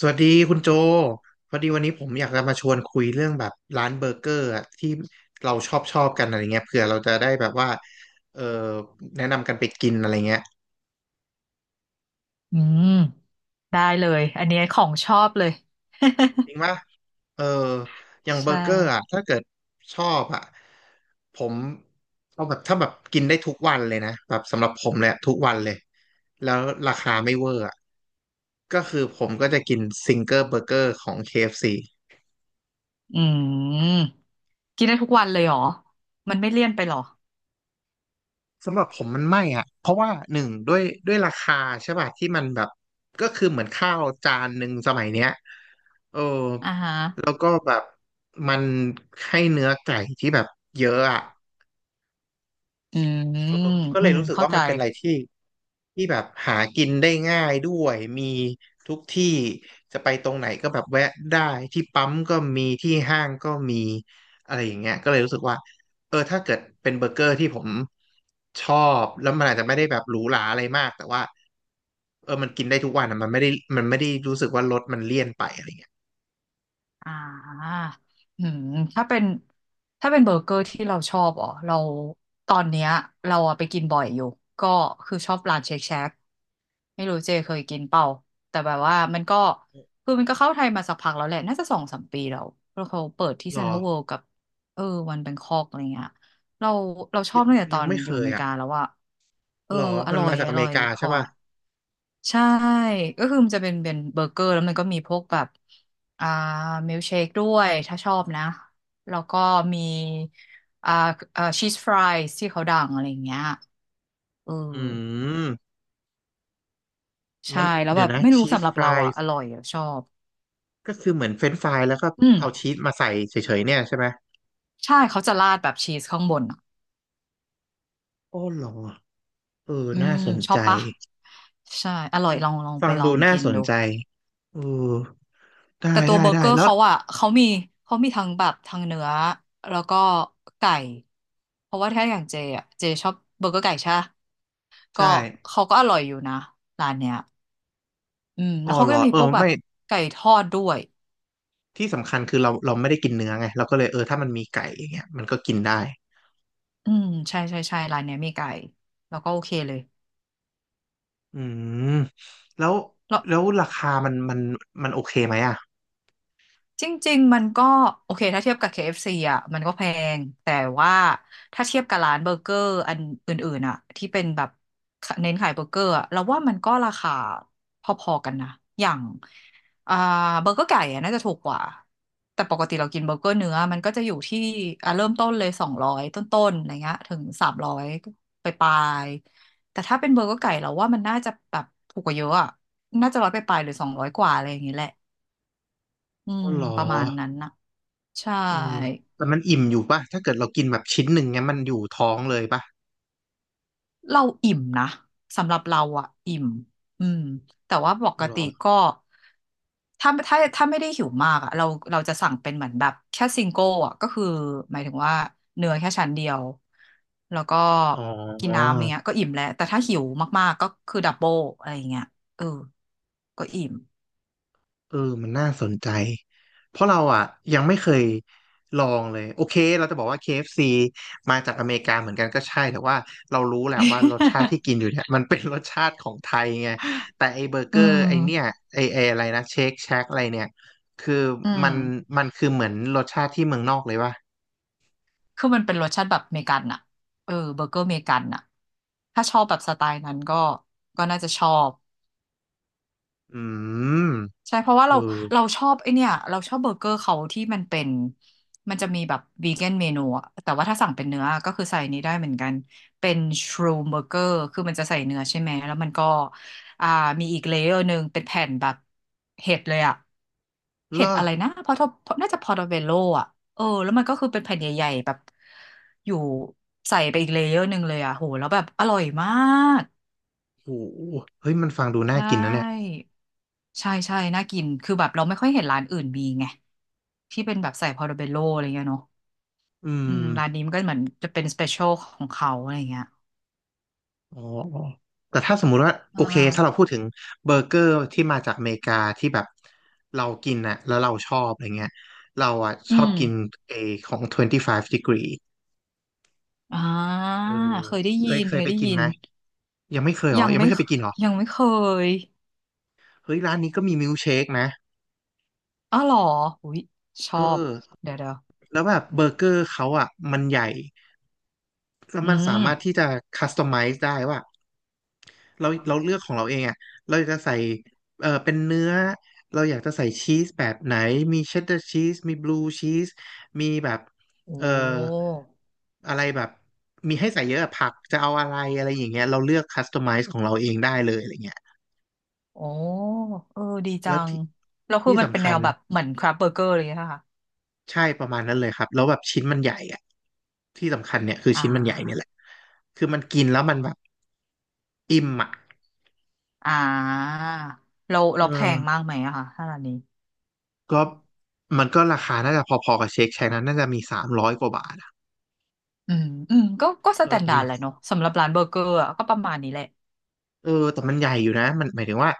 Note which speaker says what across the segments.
Speaker 1: สวัสดีคุณโจพอดีวันนี้ผมอยากจะมาชวนคุยเรื่องแบบร้านเบอร์เกอร์อะที่เราชอบกันอะไรเงี้ยเผื่อเราจะได้แบบว่าเออแนะนำกันไปกินอะไรเงี้ย
Speaker 2: อืมได้เลยอันนี้ของชอบเลย
Speaker 1: จริงปะเอออย่างเบอ
Speaker 2: ใช่
Speaker 1: ร์เกอร์อะถ้าเกิดชอบอะผมเอาแบบถ้าแบบกินได้ทุกวันเลยนะแบบสำหรับผมเลยอะทุกวันเลยแล้วราคาไม่เวอร์อะก็คือผมก็จะกินซิงเกิลเบอร์เกอร์ของ KFC
Speaker 2: อืมกินได้ทุกวันเลยเหรอมันไม่เลี่ยนไปเหรอ
Speaker 1: สำหรับผมมันไม่อ่ะเพราะว่าหนึ่งด้วยราคาใช่ป่ะที่มันแบบก็คือเหมือนข้าวจานหนึ่งสมัยเนี้ยเออ
Speaker 2: อ่าฮะ
Speaker 1: แล้วก็แบบมันให้เนื้อไก่ที่แบบเยอะอ่ะ
Speaker 2: อืม
Speaker 1: เออก็
Speaker 2: อื
Speaker 1: เลย
Speaker 2: ม
Speaker 1: รู้สึก
Speaker 2: เข้า
Speaker 1: ว่า
Speaker 2: ใจ
Speaker 1: มันเป็นอะไรที่แบบหากินได้ง่ายด้วยมีทุกที่จะไปตรงไหนก็แบบแวะได้ที่ปั๊มก็มีที่ห้างก็มีอะไรอย่างเงี้ยก็เลยรู้สึกว่าเออถ้าเกิดเป็นเบอร์เกอร์ที่ผมชอบแล้วมันอาจจะไม่ได้แบบหรูหราอะไรมากแต่ว่าเออมันกินได้ทุกวันอะมันไม่ได้รู้สึกว่ารสมันเลี่ยนไปอะไรเงี้ย
Speaker 2: อ่าอืมถ้าเป็นถ้าเป็นเบอร์เกอร์ที่เราชอบอ๋อเราตอนเนี้ยเราอะไปกินบ่อยอยู่ก็คือชอบร้านเชคแชกไม่รู้เจเคยกินเปล่าแต่แบบว่ามันก็คือมันก็เข้าไทยมาสักพักแล้วแหละน่าจะ2-3 ปีแล้วแล้วเขาเปิดที่
Speaker 1: หร
Speaker 2: เซ็น
Speaker 1: อ
Speaker 2: ทรัลเวิลด์กับเออวันแบงคอกอะไรเงี้ยเราเราชอบตั้งแต่ต
Speaker 1: ยั
Speaker 2: อ
Speaker 1: ง
Speaker 2: น
Speaker 1: ไม่
Speaker 2: อ
Speaker 1: เค
Speaker 2: ยู่อ
Speaker 1: ย
Speaker 2: เมริ
Speaker 1: อ่ะ
Speaker 2: กาแล้วว่าเออ
Speaker 1: หรอ
Speaker 2: อ
Speaker 1: มัน
Speaker 2: ร่อย
Speaker 1: มาจาก
Speaker 2: อ
Speaker 1: อเม
Speaker 2: ร่อ
Speaker 1: ริ
Speaker 2: ย
Speaker 1: กาใช่
Speaker 2: ค่ะ
Speaker 1: ป่ะ
Speaker 2: ใช่ก็คือมันจะเป็นเบอร์เกอร์แล้วมันก็มีพวกแบบอ่ามิลเชคด้วยถ้าชอบนะแล้วก็มีอ่าชีสฟรายที่เขาดังอะไรอย่างเงี้ยเออ
Speaker 1: อืม
Speaker 2: ใช่
Speaker 1: มัน
Speaker 2: แล้ว
Speaker 1: เดี๋
Speaker 2: แบ
Speaker 1: ยว
Speaker 2: บ
Speaker 1: นะ
Speaker 2: ไม่รู้
Speaker 1: ชีส
Speaker 2: สำหรับ
Speaker 1: ฟ
Speaker 2: เรา
Speaker 1: ราย
Speaker 2: อ่ะอร่อยอะชอบ
Speaker 1: ก็คือเหมือนเฟรนช์ฟรายแล้วก็
Speaker 2: อื
Speaker 1: เอา
Speaker 2: ม
Speaker 1: ชีสมาใส่เฉยๆเนี่ยใช่ไหม
Speaker 2: ใช่เขาจะราดแบบชีสข้างบนอ่ะ
Speaker 1: โอ้เหรอเออ
Speaker 2: อื
Speaker 1: น่า
Speaker 2: ม
Speaker 1: สน
Speaker 2: ชอ
Speaker 1: ใจ
Speaker 2: บปะใช่อร่อย
Speaker 1: มัน
Speaker 2: ลอง
Speaker 1: ฟั
Speaker 2: ไป
Speaker 1: ง
Speaker 2: ลอ
Speaker 1: ดู
Speaker 2: ง
Speaker 1: น่า
Speaker 2: กิน
Speaker 1: สน
Speaker 2: ดู
Speaker 1: ใจเออได้
Speaker 2: แต่ตัว
Speaker 1: ได้
Speaker 2: เบอร์เก
Speaker 1: ได้
Speaker 2: อร์
Speaker 1: แล้ว
Speaker 2: เขาอ่ะเขามีเขามีทั้งแบบทั้งเนื้อแล้วก็ไก่เพราะว่าถ้าอย่างเจอ่ะเจชอบเบอร์เกอร์ไก่ใช่ปะก็
Speaker 1: ใช่
Speaker 2: เขาก็อร่อยอยู่นะร้านเนี้ยอืม
Speaker 1: อ๋
Speaker 2: แล้
Speaker 1: อ
Speaker 2: วเขา
Speaker 1: เหร
Speaker 2: ก็
Speaker 1: อ
Speaker 2: จะมี
Speaker 1: เออ
Speaker 2: พวกแบ
Speaker 1: ไม่
Speaker 2: บไก่ทอดด้วย
Speaker 1: ที่สำคัญคือเราไม่ได้กินเนื้อไงเราก็เลยเออถ้ามันมีไก่อย่างเงี้ยมันก็กินได้
Speaker 2: อืมใช่ร้านเนี้ยมีไก่แล้วก็โอเคเลย
Speaker 1: อืมแล้ว
Speaker 2: แล้ว
Speaker 1: แล้วราคามันโอเคไหมอ่ะ
Speaker 2: จริงๆมันก็โอเคถ้าเทียบกับ KFC อฟซีอ่ะมันก็แพงแต่ว่าถ้าเทียบกับร้านเบอร์เกอร์อันอื่นๆอ่ะที่เป็นแบบเน้นขายเบอร์เกอร์อะเราว่ามันก็ราคาพอๆกันนะอย่างอ่าเบอร์เกอร์ไก่อะน่าจะถูกกว่าแต่ปกติเรากินเบอร์เกอร์เนื้อมันก็จะอยู่ที่อ่ะเริ่มต้นเลย200 ต้นๆอะไรเงี้ยถึง300ไปปลายๆแต่ถ้าเป็นเบอร์เกอร์ไก่เราว่ามันน่าจะแบบถูกกว่าเยอะอ่ะน่าจะร้อยไปปลายๆหรือ200 กว่าอะไรอย่างเงี้ยแหละอื
Speaker 1: อ๋อ
Speaker 2: ม
Speaker 1: เหรอ
Speaker 2: ประมาณนั้นนะ ใช่
Speaker 1: เออแต่มันอิ่มอยู่ป่ะถ้าเกิดเรากินแบบชิ้นหนึ่งเงี้ยมันอยู่ท้องเลยป่ะ
Speaker 2: เราอิ่มนะสำหรับเราอะอิ่มอืมแต่ว่าป
Speaker 1: อ๋อ
Speaker 2: ก
Speaker 1: เหรอ
Speaker 2: ติก็ถ้าไม่ได้หิวมากอะเราจะสั่งเป็นเหมือนแบบแค่ซิงเกิลอะก็คือหมายถึงว่าเนื้อแค่ชั้นเดียวแล้วก็
Speaker 1: อ๋อ
Speaker 2: กินน้ำเนี้ยก็อิ่มแล้วแต่ถ้าหิวมากๆก็คือดับเบิลอะไรอย่างเงี้ยเออก็อิ่ม
Speaker 1: เออมันน่าสนใจ เพราะเราอ่ะยังไม่เคยลองเลย โอเคเราจะบอกว่า KFC มาจากอเมริกาเหมือนกันก็ใช่แต่ว่าเรารู้แหละว่ารสชาติที่ กินอยู่เนี่ย มันเป็นรสชาติของไทยไงแต่ไอเบอร์เก
Speaker 2: อื
Speaker 1: อร์ไอเนี่ย
Speaker 2: ม
Speaker 1: ไออะไรนะเชคแช็กอะไรเนี่ยคือ
Speaker 2: อื
Speaker 1: มั
Speaker 2: ม
Speaker 1: นคือเหมือนรสชาติที่เมืองนอกเลยว่ะ
Speaker 2: คือมันเป็นรสชาติแบบเมกันอะเออเบอร์เกอร์เมกันอะถ้าชอบแบบสไตล์นั้นก็น่าจะชอบ
Speaker 1: อืม
Speaker 2: ใช่เพราะว่า
Speaker 1: เออ
Speaker 2: เราชอบไอเนี่ยเราชอบเบอร์เกอร์เขาที่มันเป็นมันจะมีแบบวีแกนเมนูอะแต่ว่าถ้าสั่งเป็นเนื้อก็คือใส่นี้ได้เหมือนกันเป็นชรูมเบอร์เกอร์คือมันจะใส่เนื้อใช่ไหมแล้วมันก็อ่ามีอีกเลเยอร์หนึ่งเป็นแผ่นแบบเห็ดเลยอะ
Speaker 1: เหร
Speaker 2: เห็ด
Speaker 1: อ
Speaker 2: อะไรนะพอทน่าจะพอร์โตเวโลอ่ะเออแล้วมันก็คือเป็นแผ่นใหญ่ๆแบบอยู่ใส่ไปอีกเลเยอร์หนึ่งเลยอ่ะโหแล้วแบบอร่อยมาก
Speaker 1: โหเฮ้ยมันฟังดูน่า
Speaker 2: ใช่
Speaker 1: กินนะเนี่ย
Speaker 2: ใช่น่ากินคือแบบเราไม่ค่อยเห็นร้านอื่นมีไงที่เป็นแบบใส่พอร์โตเวโลอะไรเงี้ยเนาะ
Speaker 1: อื
Speaker 2: อืมร้านนี้
Speaker 1: ม
Speaker 2: มันก็เหมือนจะเป็นสเปเชียลของเขาอะไรเงี้ย
Speaker 1: อ๋ออ๋อแต่ถ้าสมมุติว่าโอ
Speaker 2: อ่
Speaker 1: เคถ้าเรา
Speaker 2: า
Speaker 1: พูดถึงเบอร์เกอร์ที่มาจากอเมริกาที่แบบเรากินน่ะแล้วเราชอบอะไรเงี้ยเราอ่ะช
Speaker 2: อื
Speaker 1: อบ
Speaker 2: ม
Speaker 1: กินเอของ25 degree
Speaker 2: อ่า
Speaker 1: เออ
Speaker 2: เคยได้
Speaker 1: เค
Speaker 2: ยิ
Speaker 1: ย
Speaker 2: น
Speaker 1: เค
Speaker 2: เค
Speaker 1: ย
Speaker 2: ย
Speaker 1: ไป
Speaker 2: ได้
Speaker 1: กิน
Speaker 2: ยิ
Speaker 1: ไห
Speaker 2: น
Speaker 1: มยังไม่เคยเหรอ
Speaker 2: ยัง
Speaker 1: ยัง
Speaker 2: ไม่
Speaker 1: ไม่เค
Speaker 2: เค
Speaker 1: ยไปกินเหรอ
Speaker 2: ยังไม่เคย
Speaker 1: เฮ้ยร้านนี้ก็มีมิลค์เชคนะ
Speaker 2: อ้าวเหรออุ้ยช
Speaker 1: เอ
Speaker 2: อบ
Speaker 1: อ
Speaker 2: เดี๋ยว
Speaker 1: แล้วแบบเบอร์เกอร์เขาอ่ะมันใหญ่แล้ว
Speaker 2: อื
Speaker 1: มันสา
Speaker 2: ม
Speaker 1: มารถที่จะคัสตอมไมซ์ได้ว่า เราเลือกของเราเองอ่ะเราอยากจะใส่เออเป็นเนื้อเราอยากจะใส่ชีสแบบไหนมีเชดดาร์ชีสมีบลูชีสมีแบบ
Speaker 2: โอ้
Speaker 1: เอออะไรแบบมีให้ใส่เยอะอะผักจะเอาอะไรอะไรอย่างเงี้ยเราเลือกคัสตอมไมซ์ของเราเองได้เลยอะไรเงี้ย
Speaker 2: โอ้เออดีจั
Speaker 1: แล้ว
Speaker 2: ง
Speaker 1: ที่
Speaker 2: แล้วคือ
Speaker 1: ที่
Speaker 2: มันเป็น
Speaker 1: สำ
Speaker 2: แน
Speaker 1: คัญ
Speaker 2: วแบบเหมือนคราฟเบอร์เกอร์เลยนะคะ
Speaker 1: ใช่ประมาณนั้นเลยครับแล้วแบบชิ้นมันใหญ่อ่ะที่สำคัญเนี่ยคือ
Speaker 2: อ่
Speaker 1: ชิ้นมันใหญ่เนี่ยแห
Speaker 2: า
Speaker 1: ละคือมันกินแล้วมันแบบอิ่มอ่ะ
Speaker 2: อ่าเรา
Speaker 1: เออ
Speaker 2: เราแพงมากไหมอะค่ะถ้าร้านนี้
Speaker 1: ก็มันก็ราคาน่าจะพอๆกับเชคไชนั้นน่าจะมีสามร้อยกว่าบาท
Speaker 2: อืมอืมก็ส
Speaker 1: เออ
Speaker 2: แตน
Speaker 1: แต่
Speaker 2: ดาร์ด
Speaker 1: มัน
Speaker 2: แหละเนาะสำหรับร้านเบอร์เกอร์อะก็ประมาณนี้แหละ
Speaker 1: เออแต่มันใหญ่อยู่นะมันหมายถึงว่า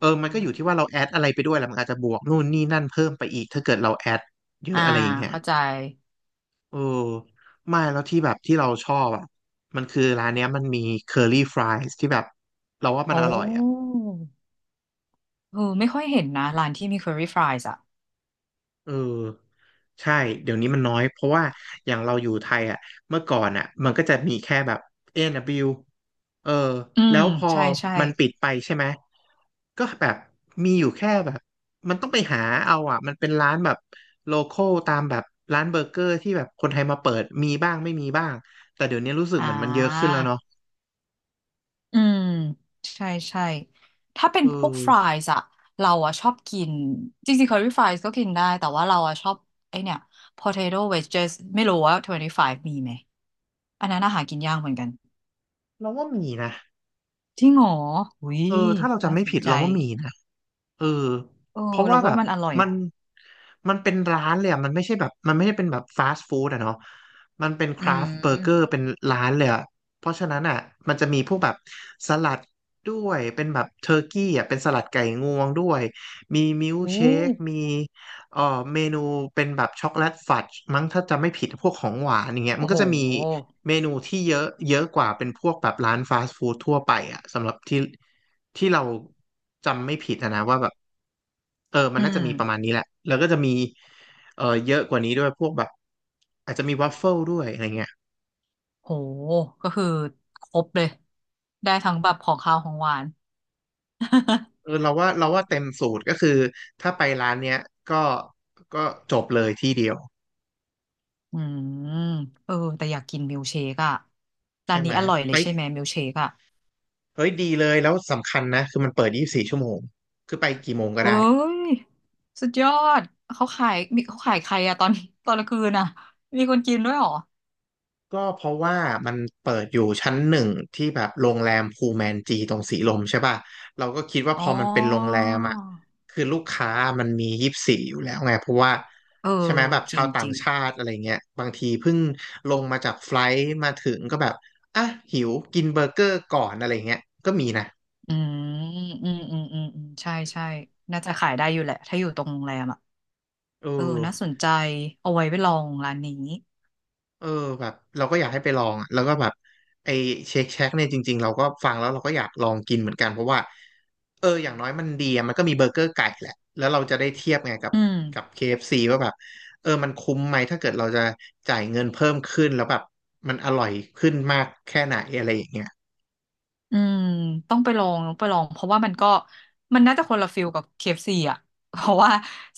Speaker 1: เออมันก็อยู่ที่ว่าเราแอดอะไรไปด้วยแหละมันอาจจะบวกนู่นนี่นั่นเพิ่มไปอีกถ้าเกิดเราแอดเย
Speaker 2: อ่า
Speaker 1: อะอะไรอย่างเงี้ย
Speaker 2: เข้าใจ
Speaker 1: เออไม่แล้วที่แบบที่เราชอบอ่ะมันคือร้านเนี้ยมันมีเคอรี่ฟรายส์ที่แบบเราว่ามัน
Speaker 2: โอ้
Speaker 1: อร่อยอ่ะ
Speaker 2: เออไม่ค่อยเห็นนะร้านที่มี curry fries อ่ะ
Speaker 1: เออใช่เดี๋ยวนี้มันน้อยเพราะว่าอย่างเราอยู่ไทยอ่ะเมื่อก่อนอ่ะมันก็จะมีแค่แบบ A&W เบิลยูเออ
Speaker 2: อื
Speaker 1: แล้
Speaker 2: ม
Speaker 1: วพอ
Speaker 2: ใช่ ใช่
Speaker 1: มันปิดไปใช่ไหมก็แบบมีอยู่แค่แบบมันต้องไปหาเอาอ่ะมันเป็นร้านแบบโลคอลตามแบบร้านเบอร์เกอร์ที่แบบคนไทยมาเปิดมีบ้างไม่มีบ้างแต่เดี๋ยวนี้รู้สึก
Speaker 2: อ่
Speaker 1: เหมือนมันเยอะขึ้นแล้วเนาะ
Speaker 2: า อืมใช่ใช่ถ้าเป็น
Speaker 1: เออ
Speaker 2: พวกฟรายส์อะเราอะชอบกินจริงๆ c คอรี่ฟรายส์ก็กินได้แต่ว่าเราอะชอบไอเนี่ย potato wedges ไม่รู้ว่า25มีไหมอันนั้นอาหารกินยากเหมือนกัน
Speaker 1: เราว่ามีนะ
Speaker 2: จริงเหรออุ้ย
Speaker 1: เออถ้าเรา
Speaker 2: น่า
Speaker 1: จำไม่
Speaker 2: สน
Speaker 1: ผิด
Speaker 2: ใจ
Speaker 1: เราว่ามีนะ เออ
Speaker 2: เออ
Speaker 1: เพราะว่า
Speaker 2: เรา
Speaker 1: แบ
Speaker 2: ว่า
Speaker 1: บ
Speaker 2: มันอร่อย
Speaker 1: มัน
Speaker 2: อะ
Speaker 1: มันเป็นร้านเลยอ่ะมันไม่ใช่แบบมันไม่ได้เป็นแบบฟาสต์ฟู้ดอะเนาะมันเป็นค
Speaker 2: อื
Speaker 1: รา
Speaker 2: ม
Speaker 1: ฟต์เบอร์เกอร์เป็นร้านเลยอ่ะเพราะฉะนั้นอ่ะมันจะมีพวกแบบสลัดด้วยเป็นแบบเทอร์กี้อ่ะเป็นสลัดไก่งวงด้วยมีมิลค์
Speaker 2: โอ้
Speaker 1: เชคมีเอ่อเมนูเป็นแบบช็อกโกแลตฟัดมั้งถ้าจะไม่ผิดพวกของหวานอย่างเงี้ยมั
Speaker 2: โอ้
Speaker 1: นก็
Speaker 2: โห
Speaker 1: จะมีเมนูที่เยอะเยอะกว่าเป็นพวกแบบร้านฟาสต์ฟู้ดทั่วไปอ่ะสำหรับที่ ที่เราจำไม่ผิดอะนะว่าแบบเออมัน
Speaker 2: อื
Speaker 1: น่า
Speaker 2: ม
Speaker 1: จะมีประมาณนี้แหละแล้วก็จะมีเออเยอะกว่านี้ด้วยพวกแบบอาจจะมีวัฟเฟิลด้วยอะไรเงี้ย
Speaker 2: โหก็คือครบเลยได้ทั้งแบบของคาวของหวาน
Speaker 1: เออเราว่าเต็มสูตรก็คือถ้าไปร้านเนี้ยก็ก็จบเลยที่เดียว
Speaker 2: อืมเออแต่อยากกินมิลเชคอะร้า
Speaker 1: ใช่
Speaker 2: น
Speaker 1: ไห
Speaker 2: นี้
Speaker 1: ม
Speaker 2: อร่อยเล
Speaker 1: ไป
Speaker 2: ยใช่ไหมมิลเชคอะ
Speaker 1: เฮ้ยดีเลยแล้วสำคัญนะคือมันเปิด24 ชั่วโมงคือไปกี่โมงก็
Speaker 2: เฮ้
Speaker 1: ได้
Speaker 2: ยสุดยอดเขาขายมีเขาขายใครอะตอนกลางคืนอะมีคนกินด้วยเหรอ
Speaker 1: ก็เพราะว่ามันเปิดอยู่ชั้น 1ที่แบบโรงแรมพูแมนจีตรงสีลมใช่ป่ะเราก็คิดว่า
Speaker 2: อ๋
Speaker 1: พ
Speaker 2: อ
Speaker 1: อมันเป็นโรงแรมอ่ะคือลูกค้ามันมียี่สิบสี่อยู่แล้วไงเพราะว่า
Speaker 2: เอ
Speaker 1: ใช่ไหม
Speaker 2: อ
Speaker 1: แบบ
Speaker 2: จ
Speaker 1: ชา
Speaker 2: ริ
Speaker 1: ว
Speaker 2: ง
Speaker 1: ต่า
Speaker 2: จ
Speaker 1: ง
Speaker 2: ริง
Speaker 1: ชาติอะไรเงี้ยบางทีเพิ่งลงมาจากไฟลท์มาถึงก็แบบอ่ะหิวกินเบอร์เกอร์ก่อนอะไรเงี้ยก็มีนะ
Speaker 2: อืมอืมอืมอืมอืมใช่ใช่น่าจะขายได้อยู่แหละถ้าอยู่ตรงโรงแรมอ่ะ
Speaker 1: เออ
Speaker 2: เออน่าสนใจเอาไว้ไปลองร้านนี้
Speaker 1: เออแบบเราก็อยากให้ไปลองอะแล้วก็แบบไอเชคแชกเนี่ยจริงๆเราก็ฟังแล้วเราก็อยากลองกินเหมือนกันเพราะว่าเอออย่างน้อยมันดีอะมันก็มีเบอร์เกอร์ไก่แหละแล้วเราจะได้เทียบไงกับ
Speaker 2: อืม
Speaker 1: กับ KFC ว่าแบบเออมันคุ้มไหมถ้าเกิดเราจะจ่ายเงินเพิ่มขึ้นแล้วแบบมันอร่อยขึ้นมากแค่ไหนอะไรอย่างเงี้ย
Speaker 2: อืมต้องไปลองเพราะว่ามันก็มันน่าจะคนละฟิลกับ KFC อฟซีอ่ะ เพราะว่า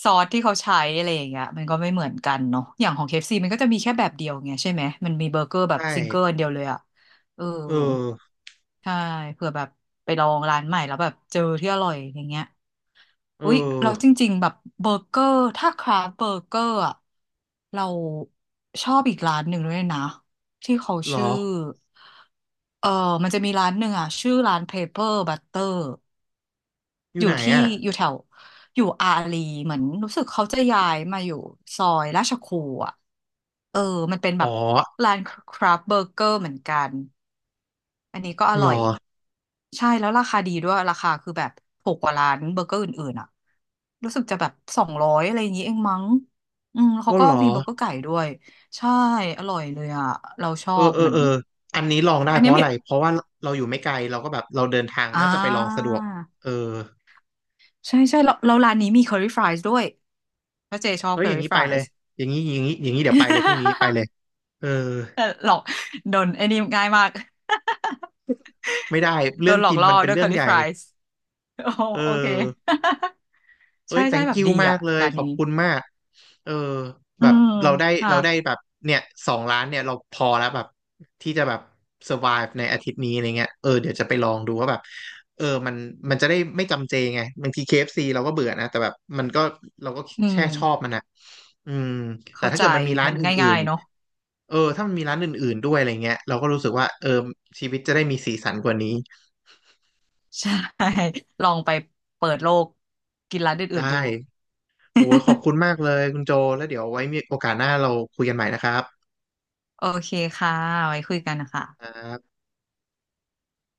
Speaker 2: ซอสที่เขาใช้อะไรอย่างเงี้ยมันก็ไม่เหมือนกันเนาะอย่างของเคเอฟซ c มันก็จะมีแค่แบบเดียวไงใช่ไหมมันมีเบอร์เกอร์แบบ
Speaker 1: ใช่
Speaker 2: ซิงเกิลอันเดียวเลยอ่ะเออ
Speaker 1: เออ
Speaker 2: ใช่เผื่อแบบไปลองร้านใหม่แล้วแบบเจอที่อร่อยอย่างเงี้ย
Speaker 1: เออ
Speaker 2: อุ๊ยเราจริงๆแบบเบอร์เกอร์ถ้าคราฟเบอร์เกอร์อะเราชอบอีกร้านหนึ่งด้วยนะที่เขา
Speaker 1: หรอ
Speaker 2: ชื่อเออมันจะมีร้านหนึ่งอ่ะชื่อร้าน Paper Butter
Speaker 1: อ
Speaker 2: อ
Speaker 1: ยู่
Speaker 2: ยู่
Speaker 1: ไหน
Speaker 2: ที่
Speaker 1: อ่ะ
Speaker 2: อยู่แถวอยู่อารีเหมือนรู้สึกเขาจะย้ายมาอยู่ซอยราชครูอ่ะเออมันเป็นแบ
Speaker 1: อ๋อ
Speaker 2: บร้านคราฟเบอร์เกอร์เหมือนกันอันนี้ก็อ
Speaker 1: หร
Speaker 2: ร่อย
Speaker 1: อ
Speaker 2: ใช่แล้วราคาดีด้วยราคาคือแบบถูกกว่าร้านเบอร์เกอร์อื่นๆอ่ะรู้สึกจะแบบสองร้อยอะไรอย่างนี้เองมั้งอืมเขา
Speaker 1: ก็
Speaker 2: ก็
Speaker 1: หรอ
Speaker 2: มีเบอร์เกอร์ไก่ด้วยใช่อร่อยเลยอ่ะเราชอ
Speaker 1: เออ
Speaker 2: บ
Speaker 1: เอ
Speaker 2: เห
Speaker 1: อ
Speaker 2: มือน
Speaker 1: เอออันนี้ลองได้
Speaker 2: อัน
Speaker 1: เพ
Speaker 2: เนี้ย
Speaker 1: ราะอะ
Speaker 2: มี
Speaker 1: ไร เพราะว่าเราอยู่ไม่ไกลเราก็แบบเราเดินทาง
Speaker 2: อ่
Speaker 1: น่าจะไปลองสะด
Speaker 2: า
Speaker 1: วกเออ
Speaker 2: ใช่ใช่แล้วร้านนี้มี curry fries ด้วยเพราะเจชอบ
Speaker 1: เฮ้ยอย่าง
Speaker 2: curry
Speaker 1: นี้ไปเล
Speaker 2: fries
Speaker 1: ย อย่างนี้เดี๋ยวไปเลยพรุ่งนี้ไป เลยเออ
Speaker 2: โดนไอ้นี่ง่ายมาก
Speaker 1: ไม่ได้
Speaker 2: โด
Speaker 1: เรื่อ
Speaker 2: น
Speaker 1: ง
Speaker 2: หลอ
Speaker 1: กิ
Speaker 2: ก
Speaker 1: น
Speaker 2: ล่อ
Speaker 1: มันเป็น
Speaker 2: ด้วย
Speaker 1: เรื่อง
Speaker 2: curly
Speaker 1: ใหญ่
Speaker 2: fries โอ้
Speaker 1: เออ
Speaker 2: โอเค
Speaker 1: เอ้
Speaker 2: ใช่
Speaker 1: ย
Speaker 2: ใช่
Speaker 1: thank
Speaker 2: แบบ
Speaker 1: you
Speaker 2: ดี
Speaker 1: มา
Speaker 2: อ่ะ
Speaker 1: กเลย
Speaker 2: ร้าน
Speaker 1: ขอ
Speaker 2: นี้
Speaker 1: บคุณมากเออ
Speaker 2: อื
Speaker 1: แบบ
Speaker 2: ม
Speaker 1: เราได้
Speaker 2: ค่ะ
Speaker 1: เราได้แบบเนี่ย2 ล้านเนี่ยเราพอแล้วแบบที่จะแบบ survive ในอาทิตย์นี้อะไรเงี้ยเออเดี๋ยวจะไปลองดูว่าแบบเออมันจะได้ไม่จำเจไงบางที KFC เอฟซีเราก็เบื่อนะแต่แบบมันก็เราก็
Speaker 2: อื
Speaker 1: แช่
Speaker 2: ม
Speaker 1: ชอบมันนะอืมแต่
Speaker 2: เข้า
Speaker 1: ถ้า
Speaker 2: ใจ
Speaker 1: เกิดมันมีร้าน
Speaker 2: มัน
Speaker 1: อื่
Speaker 2: ง่า
Speaker 1: น
Speaker 2: ยๆเนาะ
Speaker 1: ๆเออถ้ามันมีร้านอื่นๆด้วยอะไรเงี้ยเราก็รู้สึกว่าเออชีวิตจะได้มีสีสันกว่านี้
Speaker 2: ใช่ ลองไปเปิดโลกกินร้านอื่
Speaker 1: ได้
Speaker 2: นๆดู
Speaker 1: โอ้ยขอบคุณมากเลยคุณโจแล้วเดี๋ยวไว้มีโอกาสหน้าเราคุยกันใหม่นะครับ
Speaker 2: โอเคค่ะไว้คุยกันนะคะ
Speaker 1: อ่า